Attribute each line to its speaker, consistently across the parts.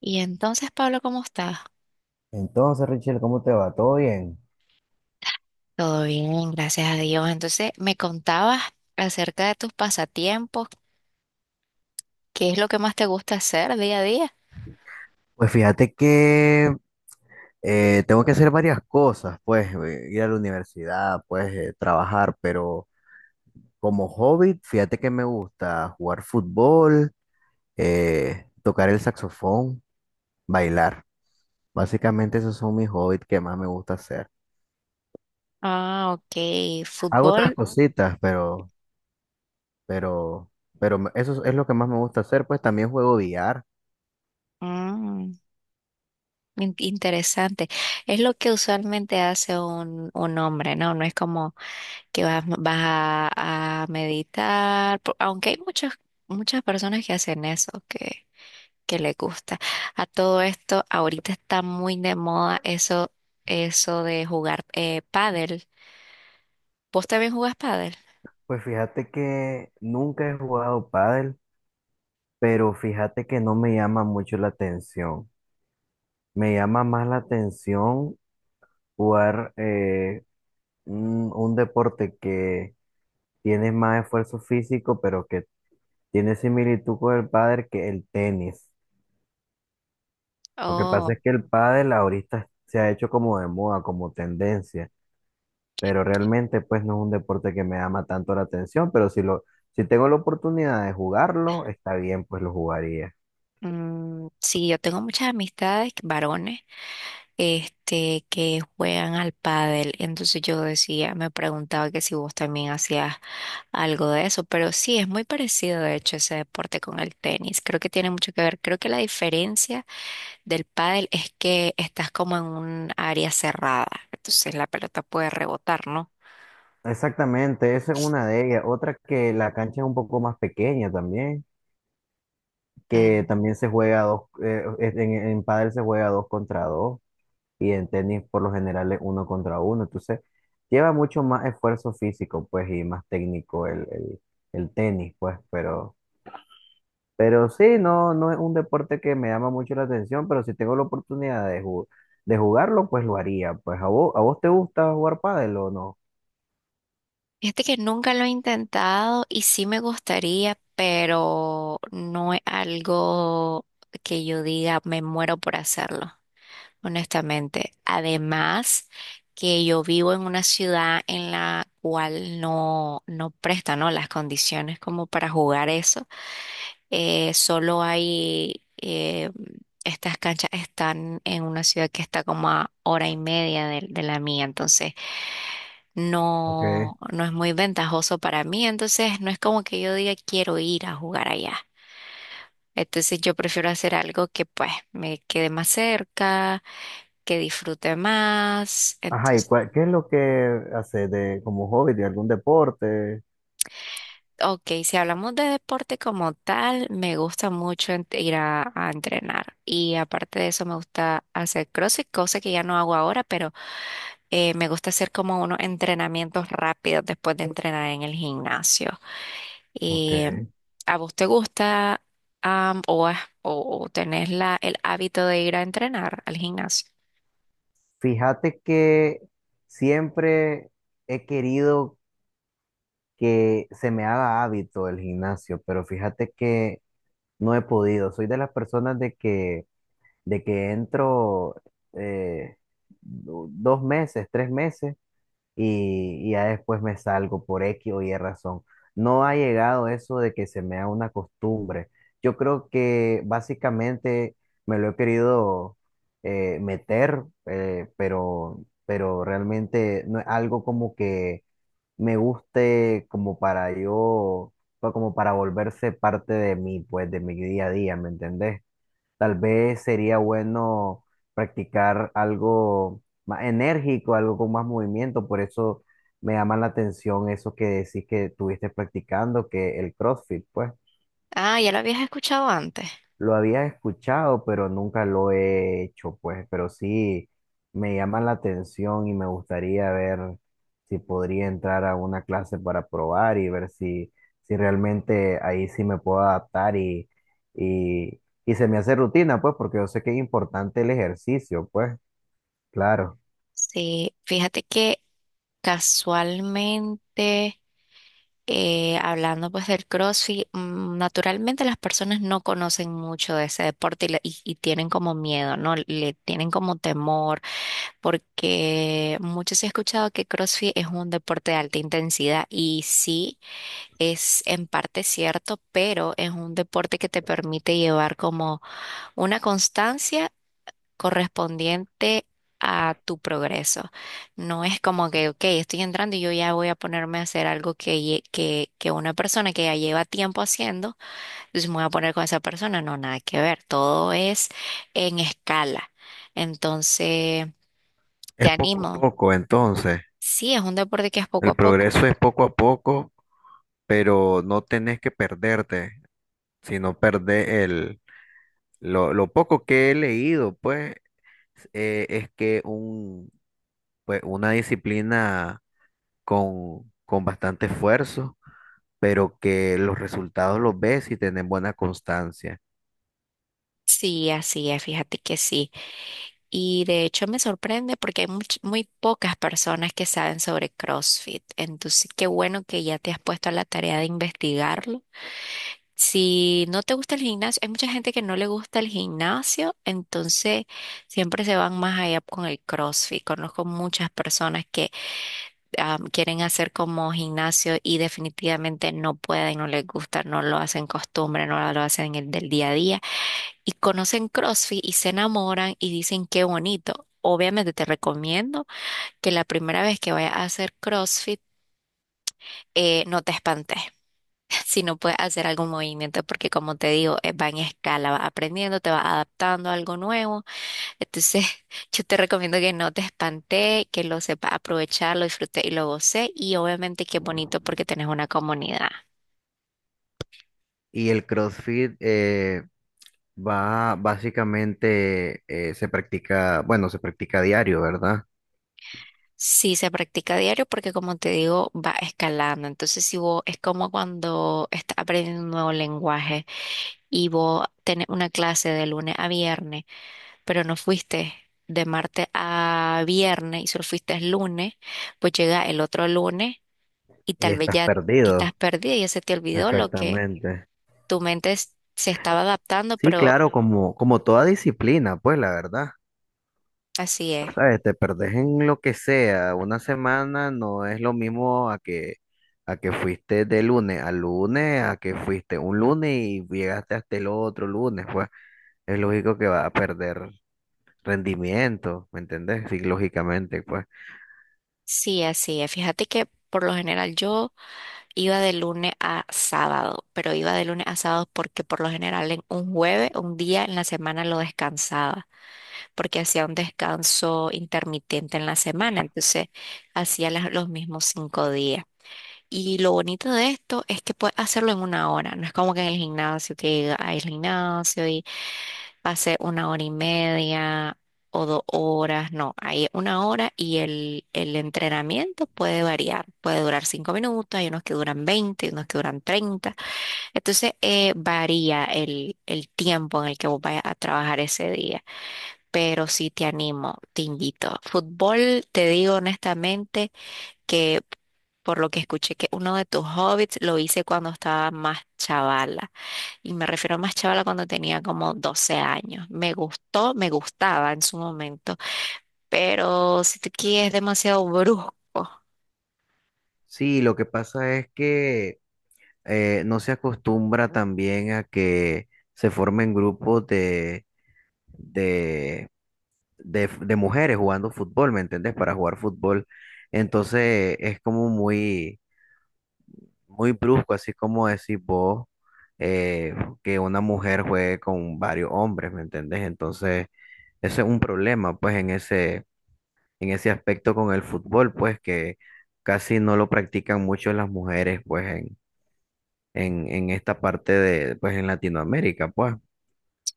Speaker 1: Y entonces, Pablo, ¿cómo estás?
Speaker 2: Entonces, Richel, ¿cómo te va? ¿Todo bien?
Speaker 1: Todo bien, gracias a Dios. Entonces, me contabas acerca de tus pasatiempos, ¿qué es lo que más te gusta hacer día a día?
Speaker 2: Pues fíjate que tengo que hacer varias cosas, pues ir a la universidad, pues trabajar, pero como hobby, fíjate que me gusta jugar fútbol, tocar el saxofón, bailar. Básicamente esos son mis hobbies que más me gusta hacer.
Speaker 1: Ah, ok,
Speaker 2: Hago otras
Speaker 1: fútbol.
Speaker 2: cositas, pero, pero eso es lo que más me gusta hacer, pues también juego billar.
Speaker 1: Mm, interesante. Es lo que usualmente hace un hombre, ¿no? No es como que a meditar, aunque hay muchas personas que hacen eso, que le gusta. A todo esto, ahorita está muy de moda eso de jugar pádel. ¿Vos también jugás pádel?
Speaker 2: Pues fíjate que nunca he jugado pádel. Pero fíjate que no me llama mucho la atención. Me llama más la atención jugar un deporte que tiene más esfuerzo físico, pero que tiene similitud con el pádel que el tenis. Lo que pasa
Speaker 1: Oh,
Speaker 2: es que el pádel ahorita se ha hecho como de moda, como tendencia, pero realmente pues no es un deporte que me llama tanto la atención, pero si tengo la oportunidad de jugarlo, está bien, pues lo jugaría.
Speaker 1: mm, sí, yo tengo muchas amistades, varones, este, que juegan al pádel. Entonces yo decía, me preguntaba que si vos también hacías algo de eso, pero sí, es muy parecido de hecho ese deporte con el tenis. Creo que tiene mucho que ver. Creo que la diferencia del pádel es que estás como en un área cerrada, entonces la pelota puede rebotar, ¿no?
Speaker 2: Exactamente, esa es una de ellas. Otra que la cancha es un poco más pequeña también, que
Speaker 1: Mm.
Speaker 2: también se juega dos, en pádel se juega dos contra dos y en tenis por lo general es uno contra uno. Entonces lleva mucho más esfuerzo físico, pues, y más técnico el tenis, pues, pero sí, no, no es un deporte que me llama mucho la atención, pero si tengo la oportunidad de jugarlo, pues lo haría. Pues, ¿a vos te gusta jugar pádel o no?
Speaker 1: Fíjate que nunca lo he intentado y sí me gustaría, pero no es algo que yo diga me muero por hacerlo, honestamente. Además, que yo vivo en una ciudad en la cual no presta, ¿no? las condiciones como para jugar eso. Solo hay, estas canchas están en una ciudad que está como a hora y media de la mía, entonces
Speaker 2: Ok.
Speaker 1: no es muy ventajoso para mí, entonces no es como que yo diga quiero ir a jugar allá. Entonces yo prefiero hacer algo que pues me quede más cerca, que disfrute más,
Speaker 2: Ajá, ¿y
Speaker 1: entonces...
Speaker 2: qué es lo que hace de, como hobby de algún deporte?
Speaker 1: Ok, si hablamos de deporte como tal, me gusta mucho ir a entrenar y aparte de eso me gusta hacer CrossFit, cosa que ya no hago ahora, pero me gusta hacer como unos entrenamientos rápidos después de entrenar en el gimnasio.
Speaker 2: Ok.
Speaker 1: Y, em, ¿A vos te gusta o tenés la el hábito de ir a entrenar al gimnasio?
Speaker 2: Fíjate que siempre he querido que se me haga hábito el gimnasio, pero fíjate que no he podido. Soy de las personas de que entro eh, 2 meses, 3 meses y ya después me salgo por X o Y razón. No ha llegado eso de que se me haga una costumbre. Yo creo que básicamente me lo he querido meter, pero realmente no es algo como que me guste como para yo, como para volverse parte de mí, pues de mi día a día, ¿me entendés? Tal vez sería bueno practicar algo más enérgico, algo con más movimiento. Por eso me llama la atención eso que decís que estuviste practicando, que el CrossFit, pues.
Speaker 1: Ah, ya lo habías escuchado antes.
Speaker 2: Lo había escuchado, pero nunca lo he hecho, pues, pero sí me llama la atención y me gustaría ver si podría entrar a una clase para probar y ver si, si realmente ahí sí me puedo adaptar y se me hace rutina, pues, porque yo sé que es importante el ejercicio, pues, claro.
Speaker 1: Sí, fíjate que casualmente... Hablando pues del CrossFit, mm, naturalmente las personas no conocen mucho de ese deporte y tienen como miedo, ¿no? Le tienen como temor, porque muchos he escuchado que CrossFit es un deporte de alta intensidad y sí, es en parte cierto, pero es un deporte que te permite llevar como una constancia correspondiente a tu progreso. No es como que, ok, estoy entrando y yo ya voy a ponerme a hacer algo que una persona que ya lleva tiempo haciendo, entonces me voy a poner con esa persona. No, nada que ver, todo es en escala. Entonces, te
Speaker 2: Poco a
Speaker 1: animo.
Speaker 2: poco, entonces.
Speaker 1: Sí, es un deporte que es poco a
Speaker 2: El
Speaker 1: poco.
Speaker 2: progreso es poco a poco, pero no tenés que perderte, sino perder lo poco que he leído, pues, es que pues, una disciplina con bastante esfuerzo, pero que los resultados los ves y tenés buena constancia.
Speaker 1: Sí, así es, fíjate que sí. Y de hecho me sorprende porque hay muy pocas personas que saben sobre CrossFit. Entonces, qué bueno que ya te has puesto a la tarea de investigarlo. Si no te gusta el gimnasio, hay mucha gente que no le gusta el gimnasio, entonces siempre se van más allá con el CrossFit. Conozco muchas personas que quieren hacer como gimnasio y definitivamente no pueden, no les gusta, no lo hacen costumbre, no lo hacen el del día a día y conocen CrossFit y se enamoran y dicen qué bonito. Obviamente te recomiendo que la primera vez que vayas a hacer CrossFit no te espantes si no puedes hacer algún movimiento porque como te digo va en escala, vas aprendiendo, te vas adaptando a algo nuevo. Entonces yo te recomiendo que no te espantes, que lo sepas aprovechar, lo disfrutes y lo goces y obviamente que es bonito porque tenés una comunidad.
Speaker 2: Y el CrossFit va básicamente, bueno, se practica diario, ¿verdad?
Speaker 1: Sí, se practica a diario porque como te digo, va escalando. Entonces, si vos es como cuando estás aprendiendo un nuevo lenguaje y vos tenés una clase de lunes a viernes, pero no fuiste de martes a viernes y solo fuiste el lunes, pues llega el otro lunes y
Speaker 2: Y
Speaker 1: tal vez
Speaker 2: estás
Speaker 1: ya estás
Speaker 2: perdido.
Speaker 1: perdida, ya se te olvidó lo que
Speaker 2: Exactamente.
Speaker 1: tu mente se estaba adaptando,
Speaker 2: Sí,
Speaker 1: pero
Speaker 2: claro, como toda disciplina, pues la verdad.
Speaker 1: así es.
Speaker 2: ¿Sabes? Te perdés en lo que sea. Una semana no es lo mismo a que fuiste de lunes a lunes, a que fuiste un lunes y llegaste hasta el otro lunes, pues es lógico que vas a perder rendimiento, ¿me entendés? Sí, lógicamente, pues.
Speaker 1: Sí, así es. Fíjate que por lo general yo iba de lunes a sábado, pero iba de lunes a sábado porque por lo general en un jueves, un día en la semana lo descansaba, porque hacía un descanso intermitente en la semana, entonces hacía los mismos 5 días. Y lo bonito de esto es que puedes hacerlo en una hora, no es como que en el gimnasio, que hay el gimnasio pasé una hora y media o dos horas, no, hay una hora y el entrenamiento puede variar, puede durar 5 minutos, hay unos que duran 20, hay unos que duran 30, entonces varía el tiempo en el que vos vayas a trabajar ese día, pero sí te animo, te invito. Fútbol, te digo honestamente que... Por lo que escuché que uno de tus hobbits lo hice cuando estaba más chavala. Y me refiero a más chavala cuando tenía como 12 años. Me gustó, me gustaba en su momento, pero si te quieres es demasiado brusco.
Speaker 2: Sí, lo que pasa es que no se acostumbra también a que se formen grupos de, de mujeres jugando fútbol, ¿me entendés? Para jugar fútbol. Entonces es como muy muy brusco, así como decís vos, eh, que una mujer juegue con varios hombres, ¿me entendés? Entonces, ese es un problema, pues, en ese aspecto con el fútbol, pues, que casi no lo practican mucho las mujeres, pues, en esta parte de, pues, en Latinoamérica, pues.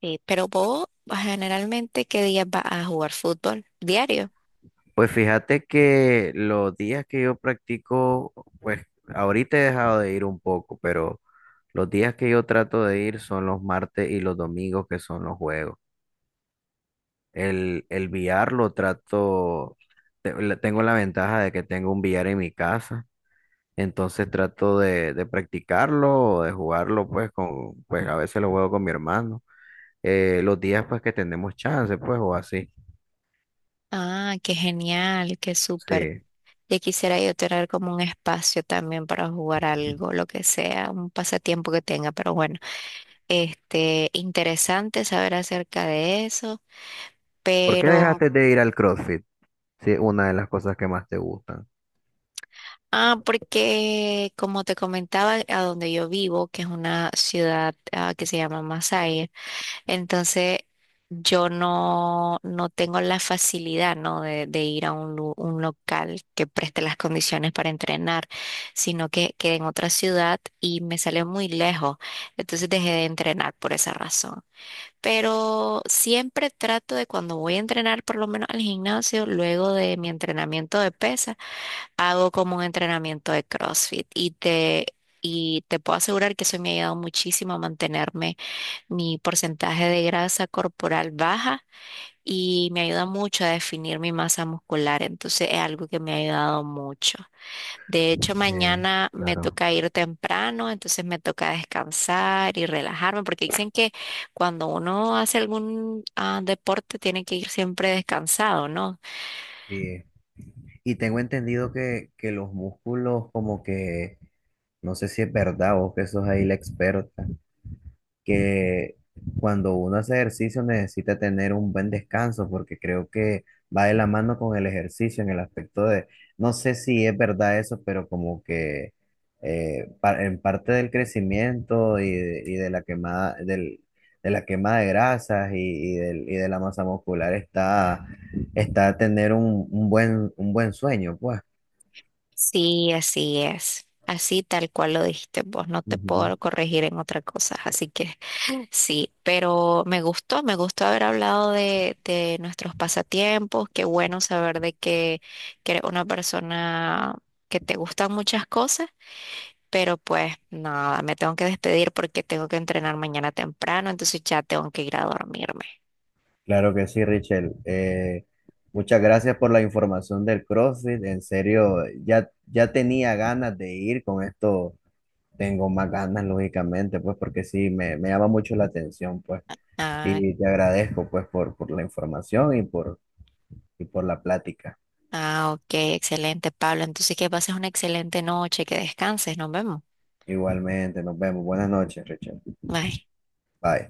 Speaker 1: Sí, pero vos generalmente, ¿qué días vas a jugar fútbol? Diario.
Speaker 2: Pues fíjate que los días que yo practico, pues, ahorita he dejado de ir un poco, pero los días que yo trato de ir son los martes y los domingos, que son los juegos. El VR lo trato, tengo la ventaja de que tengo un VR en mi casa, entonces trato de practicarlo, de jugarlo, pues, pues a veces lo juego con mi hermano, los días pues que tenemos chance, pues, o así.
Speaker 1: Ah, qué genial, qué súper.
Speaker 2: Sí.
Speaker 1: Ya quisiera yo tener como un espacio también para jugar algo, lo que sea, un pasatiempo que tenga, pero bueno, este, interesante saber acerca de eso,
Speaker 2: ¿Por qué
Speaker 1: pero
Speaker 2: dejaste de ir al CrossFit? Sí, una de las cosas que más te gustan.
Speaker 1: ah, porque como te comentaba, a donde yo vivo, que es una ciudad ah, que se llama Masaya, entonces yo no tengo la facilidad, ¿no? De ir a un, un local que preste las condiciones para entrenar, sino que quedé en otra ciudad y me sale muy lejos. Entonces dejé de entrenar por esa razón. Pero siempre trato de cuando voy a entrenar, por lo menos al gimnasio, luego de mi entrenamiento de pesas, hago como un entrenamiento de CrossFit y te puedo asegurar que eso me ha ayudado muchísimo a mantenerme mi porcentaje de grasa corporal baja y me ayuda mucho a definir mi masa muscular. Entonces es algo que me ha ayudado mucho. De hecho,
Speaker 2: Eh,
Speaker 1: mañana me
Speaker 2: claro.
Speaker 1: toca ir temprano, entonces me toca descansar y relajarme porque dicen que cuando uno hace algún ah, deporte tiene que ir siempre descansado, ¿no?
Speaker 2: Sí. Y tengo entendido que los músculos como que, no sé si es verdad, vos que sos ahí la experta, que cuando uno hace ejercicio necesita tener un buen descanso, porque creo que va de la mano con el ejercicio en el aspecto de, no sé si es verdad eso, pero como que en parte del crecimiento y de la quemada, de la quema de grasas y de la masa muscular está tener un buen sueño, pues.
Speaker 1: Sí, así es. Así tal cual lo dijiste vos, no te puedo corregir en otra cosa. Así que sí, pero me gustó haber hablado de nuestros pasatiempos. Qué bueno saber que eres una persona que te gustan muchas cosas, pero pues nada, me tengo que despedir porque tengo que entrenar mañana temprano, entonces ya tengo que ir a dormirme.
Speaker 2: Claro que sí, Richel. Muchas gracias por la información del CrossFit. En serio, ya, ya tenía ganas de ir. Con esto tengo más ganas, lógicamente, pues porque sí, me llama mucho la atención, pues.
Speaker 1: Ah,
Speaker 2: Y te agradezco, pues, por la información y por la plática.
Speaker 1: ah, ok, excelente, Pablo. Entonces que pases una excelente noche, que descanses, nos vemos.
Speaker 2: Igualmente, nos vemos. Buenas noches, Richel.
Speaker 1: Bye.
Speaker 2: Bye.